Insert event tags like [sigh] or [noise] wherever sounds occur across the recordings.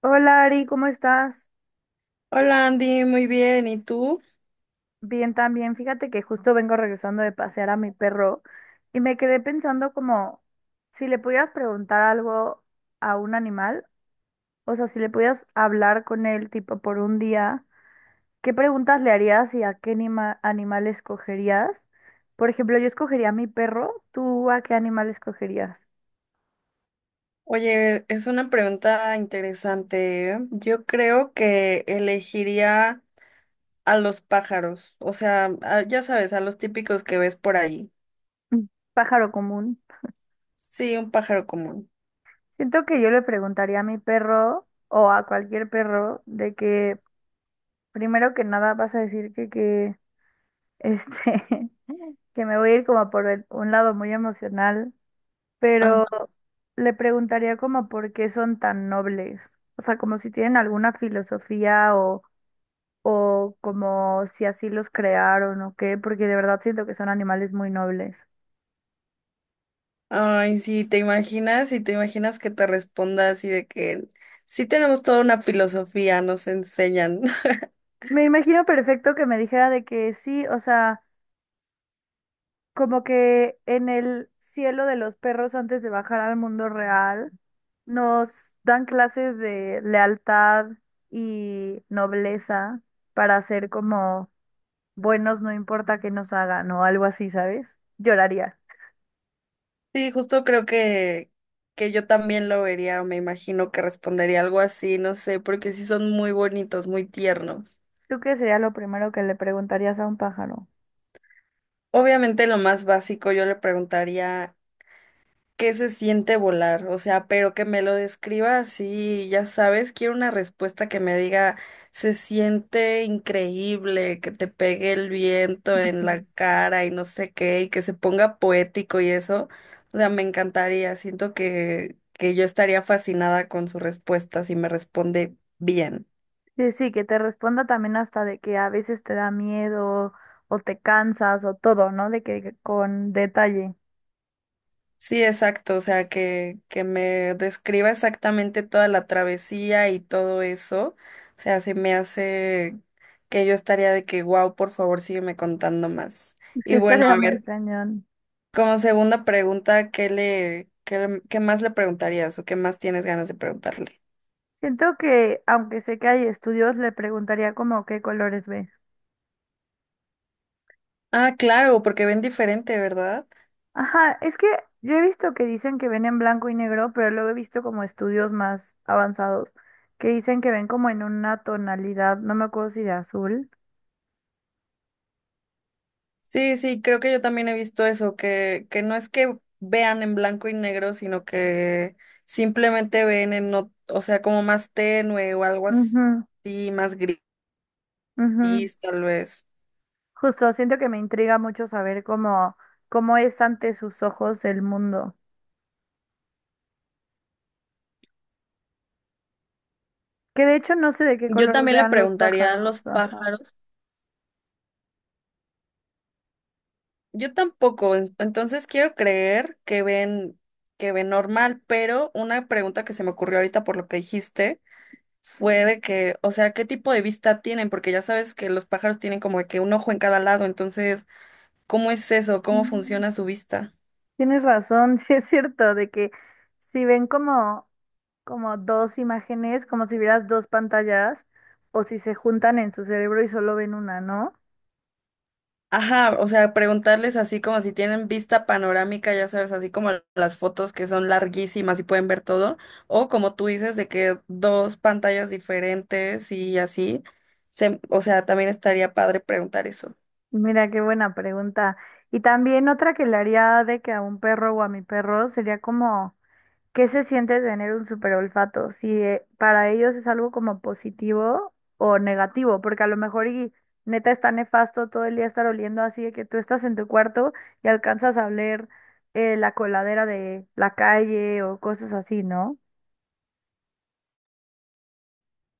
Hola Ari, ¿cómo estás? Hola Andy, muy bien. ¿Y tú? Bien también. Fíjate que justo vengo regresando de pasear a mi perro y me quedé pensando como si le pudieras preguntar algo a un animal, o sea, si le pudieras hablar con él tipo por un día, ¿qué preguntas le harías y a qué animal escogerías? Por ejemplo, yo escogería a mi perro, ¿tú a qué animal escogerías? Oye, es una pregunta interesante. ¿Eh? Yo creo que elegiría a los pájaros, o sea, ya sabes, a los típicos que ves por ahí. Mm, pájaro común. Sí, un pájaro común. Siento que yo le preguntaría a mi perro o a cualquier perro de que primero que nada vas a decir que, este, [laughs] que me voy a ir como por un lado muy emocional, Ah, pero le preguntaría como por qué son tan nobles. O sea, como si tienen alguna filosofía, o como si así los crearon o qué, porque de verdad siento que son animales muy nobles. ay, sí, te imaginas y te imaginas que te responda así de que sí tenemos toda una filosofía, nos enseñan. [laughs] Me imagino perfecto que me dijera de que sí, o sea, como que en el cielo de los perros antes de bajar al mundo real, nos dan clases de lealtad y nobleza para ser como buenos, no importa qué nos hagan o algo así, ¿sabes? Lloraría. Sí, justo creo que yo también lo vería, me imagino que respondería algo así, no sé, porque sí son muy bonitos, muy tiernos. ¿Tú qué sería lo primero que le preguntarías a un pájaro? Obviamente lo más básico yo le preguntaría qué se siente volar, o sea, pero que me lo describa así, ya sabes, quiero una respuesta que me diga se siente increíble, que te pegue el viento en Ujú. la cara y no sé qué, y que se ponga poético y eso, o sea, me encantaría, siento que yo estaría fascinada con su respuesta si me responde bien. Sí, sí, que te responda también hasta de que a veces te da miedo o te cansas o todo, ¿no? De que con detalle. [laughs] Sí, exacto, o sea, que me describa exactamente toda la travesía y todo eso, o sea, se me hace que yo estaría de que, wow, por favor, sígueme contando más. Sí, Y bueno, estaría a muy ver, cañón. como segunda pregunta, ¿qué más le preguntarías o qué más tienes ganas de preguntarle? Siento que, aunque sé que hay estudios, le preguntaría como qué colores ve. Ah, claro, porque ven diferente, ¿verdad? Ajá, es que yo he visto que dicen que ven en blanco y negro, pero luego he visto como estudios más avanzados que dicen que ven como en una tonalidad, no me acuerdo si de azul. Sí, sí, creo que yo también he visto eso, que no es que vean en blanco y negro, sino que simplemente ven en, no, o sea, como más tenue o algo así, más gris, Ujú, ujú. tal vez. Justo, siento que me intriga mucho saber cómo, cómo es ante sus ojos el mundo. Que de hecho no sé de qué Yo color también le vean los preguntaría a los pájaros. Ajá. pájaros. Yo tampoco, entonces quiero creer que ven normal, pero una pregunta que se me ocurrió ahorita por lo que dijiste fue de que, o sea, ¿qué tipo de vista tienen? Porque ya sabes que los pájaros tienen como de que un ojo en cada lado, entonces ¿cómo es eso? ¿Cómo Mm, funciona su vista? tienes razón, [laughs] sí es cierto, de que si ven como dos imágenes, como si vieras dos pantallas, o si se juntan en su cerebro y solo ven una, ¿no? Ajá, o sea, preguntarles así como si tienen vista panorámica, ya sabes, así como las fotos que son larguísimas y pueden ver todo, o como tú dices, de que dos pantallas diferentes y así, o sea, también estaría padre preguntar eso. Mira, qué buena pregunta. Y también otra que le haría de que a un perro o a mi perro sería como, ¿qué se siente tener un super olfato? Si para ellos es algo como positivo o negativo, porque a lo mejor y neta está nefasto todo el día estar oliendo así de que tú estás en tu cuarto y alcanzas a oler la coladera de la calle o cosas así, ¿no?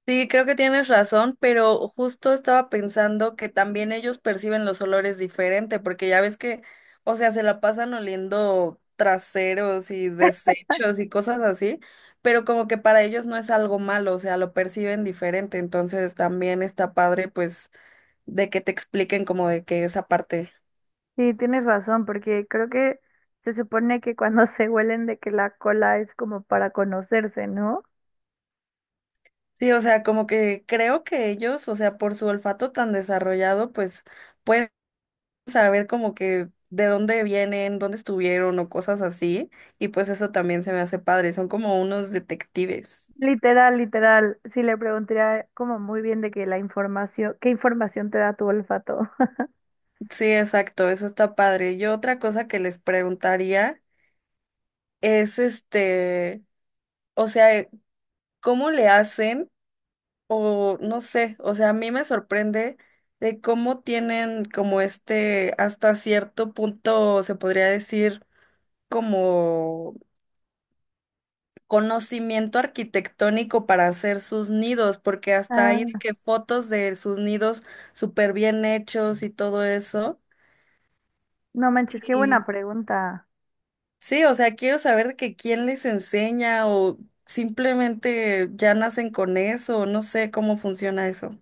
Sí, creo que tienes razón, pero justo estaba pensando que también ellos perciben los olores diferente, porque ya ves que, o sea, se la pasan oliendo traseros y desechos y cosas así, pero como que para ellos no es algo malo, o sea, lo perciben diferente, entonces también está padre, pues, de que te expliquen como de que esa parte. Sí, tienes razón, porque creo que se supone que cuando [laughs] se huelen de que la cola es como para conocerse, ¿no? Sí, o sea, como que creo que ellos, o sea, por su olfato tan desarrollado, pues pueden saber como que de dónde vienen, dónde estuvieron o cosas así. Y pues eso también se me hace padre. Son como unos detectives. Literal, literal, sí le preguntaría como muy bien de que la información, ¿qué información te da tu olfato? [laughs] Sí, exacto, eso está padre. Yo otra cosa que les preguntaría es este, o sea, ¿cómo le hacen? O no sé, o sea, a mí me sorprende de cómo tienen como este, hasta cierto punto, se podría decir, como conocimiento arquitectónico para hacer sus nidos, porque hasta hay de Ah, que fotos de sus nidos súper bien hechos y todo eso. no manches, qué buena Y pregunta. sí, o sea, quiero saber de que quién les enseña o simplemente ya nacen con eso, no sé cómo funciona eso.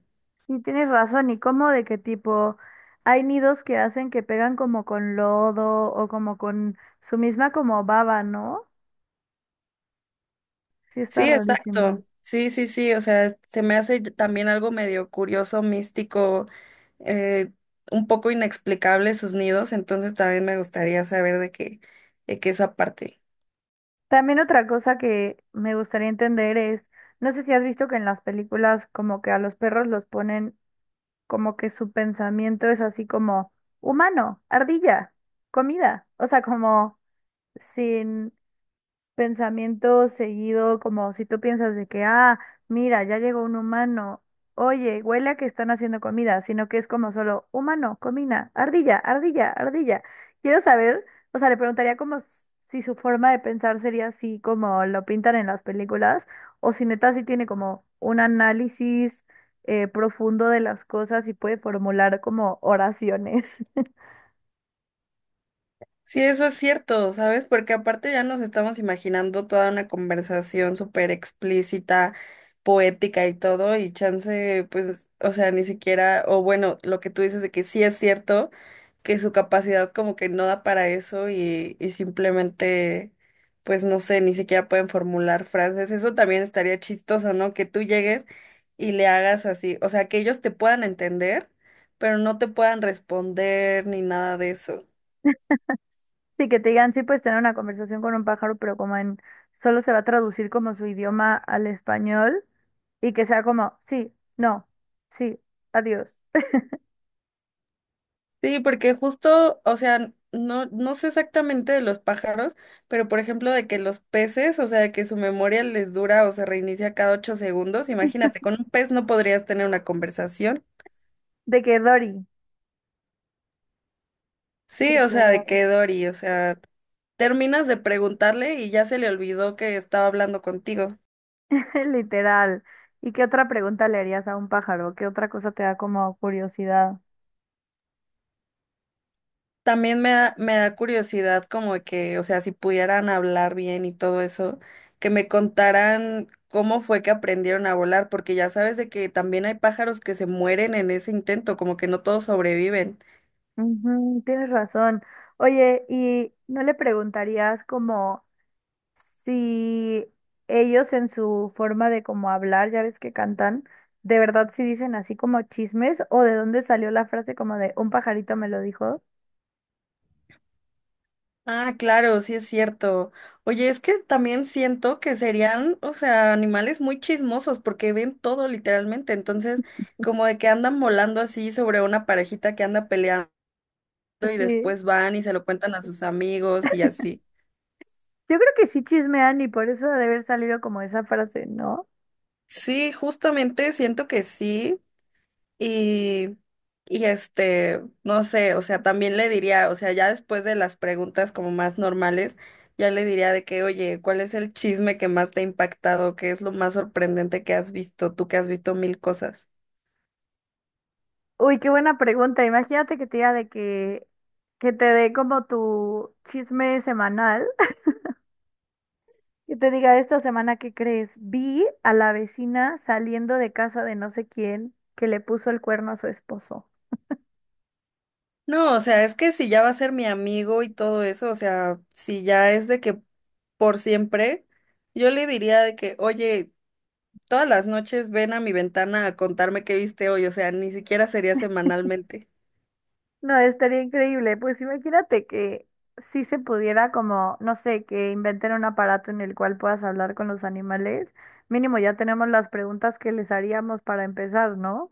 Y tienes razón, ¿y cómo de qué tipo? Hay nidos que hacen que pegan como con lodo o como con su misma como baba, ¿no? Sí, está Sí, rarísimo. exacto. Sí, sí, sí, o sea, se me hace también algo medio curioso, místico, eh, un poco inexplicable sus nidos, entonces también me gustaría saber de qué esa parte. También otra cosa que me gustaría entender es, no sé si has visto que en las películas como que a los perros los ponen como que su pensamiento es así como humano, ardilla, comida, o sea, como sin pensamiento seguido, como si tú piensas de que, ah, mira, ya llegó un humano, oye, huele a que están haciendo comida, sino que es como solo humano, comida, ardilla, ardilla, ardilla. Quiero saber, o sea, le preguntaría como si su forma de pensar sería así como lo pintan en las películas, o si neta sí tiene como un análisis profundo de las cosas y puede formular como oraciones. [laughs] Sí, eso es cierto, ¿sabes? Porque aparte ya nos estamos imaginando toda una conversación súper explícita, poética y todo, y chance, pues, o sea, ni siquiera, o bueno, lo que tú dices de que sí es cierto, que su capacidad como que no da para eso y simplemente, pues, no sé, ni siquiera pueden formular frases. Eso también estaría chistoso, ¿no? Que tú llegues y le hagas así, o sea, que ellos te puedan entender, pero no te puedan responder ni nada de eso. Sí, que te digan, sí puedes tener una conversación con un pájaro, pero como en, solo se va a traducir como su idioma al español y que sea como, sí, no, sí, adiós. Sí, porque justo, o sea, no sé exactamente de los pájaros, pero por ejemplo de que los peces, o sea, de que su memoria les dura o se reinicia cada 8 segundos, imagínate, con un pez no podrías tener una conversación. De que Dory, Sí, o sea, de literal. que Dory, o sea, terminas de preguntarle y ya se le olvidó que estaba hablando contigo. [laughs] Literal. ¿Y qué otra pregunta le harías a un pájaro? ¿Qué otra cosa te da como curiosidad? También me da curiosidad como de que, o sea, si pudieran hablar bien y todo eso, que me contaran cómo fue que aprendieron a volar, porque ya sabes de que también hay pájaros que se mueren en ese intento, como que no todos sobreviven. Ujú, tienes razón. Oye, ¿y no le preguntarías como si ellos en su forma de como hablar, ya ves que cantan, de verdad si dicen así como chismes o de dónde salió la frase como de un pajarito me lo dijo. Ah, claro, sí es cierto. Oye, es que también siento que serían, o sea, animales muy chismosos porque ven todo literalmente, entonces como de que andan volando así sobre una parejita que anda peleando y Sí. después van y se lo cuentan a sus amigos y así. Yo creo que sí chismean y por eso ha de haber salido como esa frase, ¿no? Sí, justamente siento que sí. Y, y este, no sé, o sea, también le diría, o sea, ya después de las preguntas como más normales, ya le diría de que, oye, ¿cuál es el chisme que más te ha impactado? ¿Qué es lo más sorprendente que has visto? Tú que has visto mil cosas. Uy, qué buena pregunta. Imagínate que te diga de que te dé como tu chisme semanal, [laughs] que te diga esta semana que crees, vi a la vecina saliendo de casa de no sé quién que le puso el cuerno a su esposo. No, o sea, es que si ya va a ser mi amigo y todo eso, o sea, si ya es de que por siempre, yo le diría de que, oye, todas las noches ven a mi ventana a contarme qué viste hoy, o sea, ni siquiera sería semanalmente. No, estaría increíble. Pues imagínate que si se pudiera como, no sé, que inventen un aparato en el cual puedas hablar con los animales. Mínimo ya tenemos las preguntas que les haríamos para empezar, ¿no?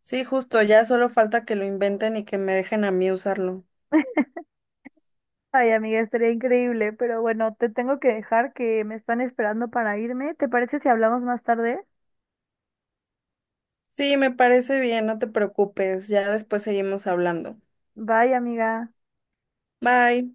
Sí, justo, ya solo falta que lo inventen y que me dejen a mí usarlo. Ay, amiga, estaría increíble, pero bueno, te tengo que dejar que me están esperando para irme. ¿Te parece si hablamos más tarde? Sí, me parece bien, no te preocupes, ya después seguimos hablando. Bye, amiga. Bye.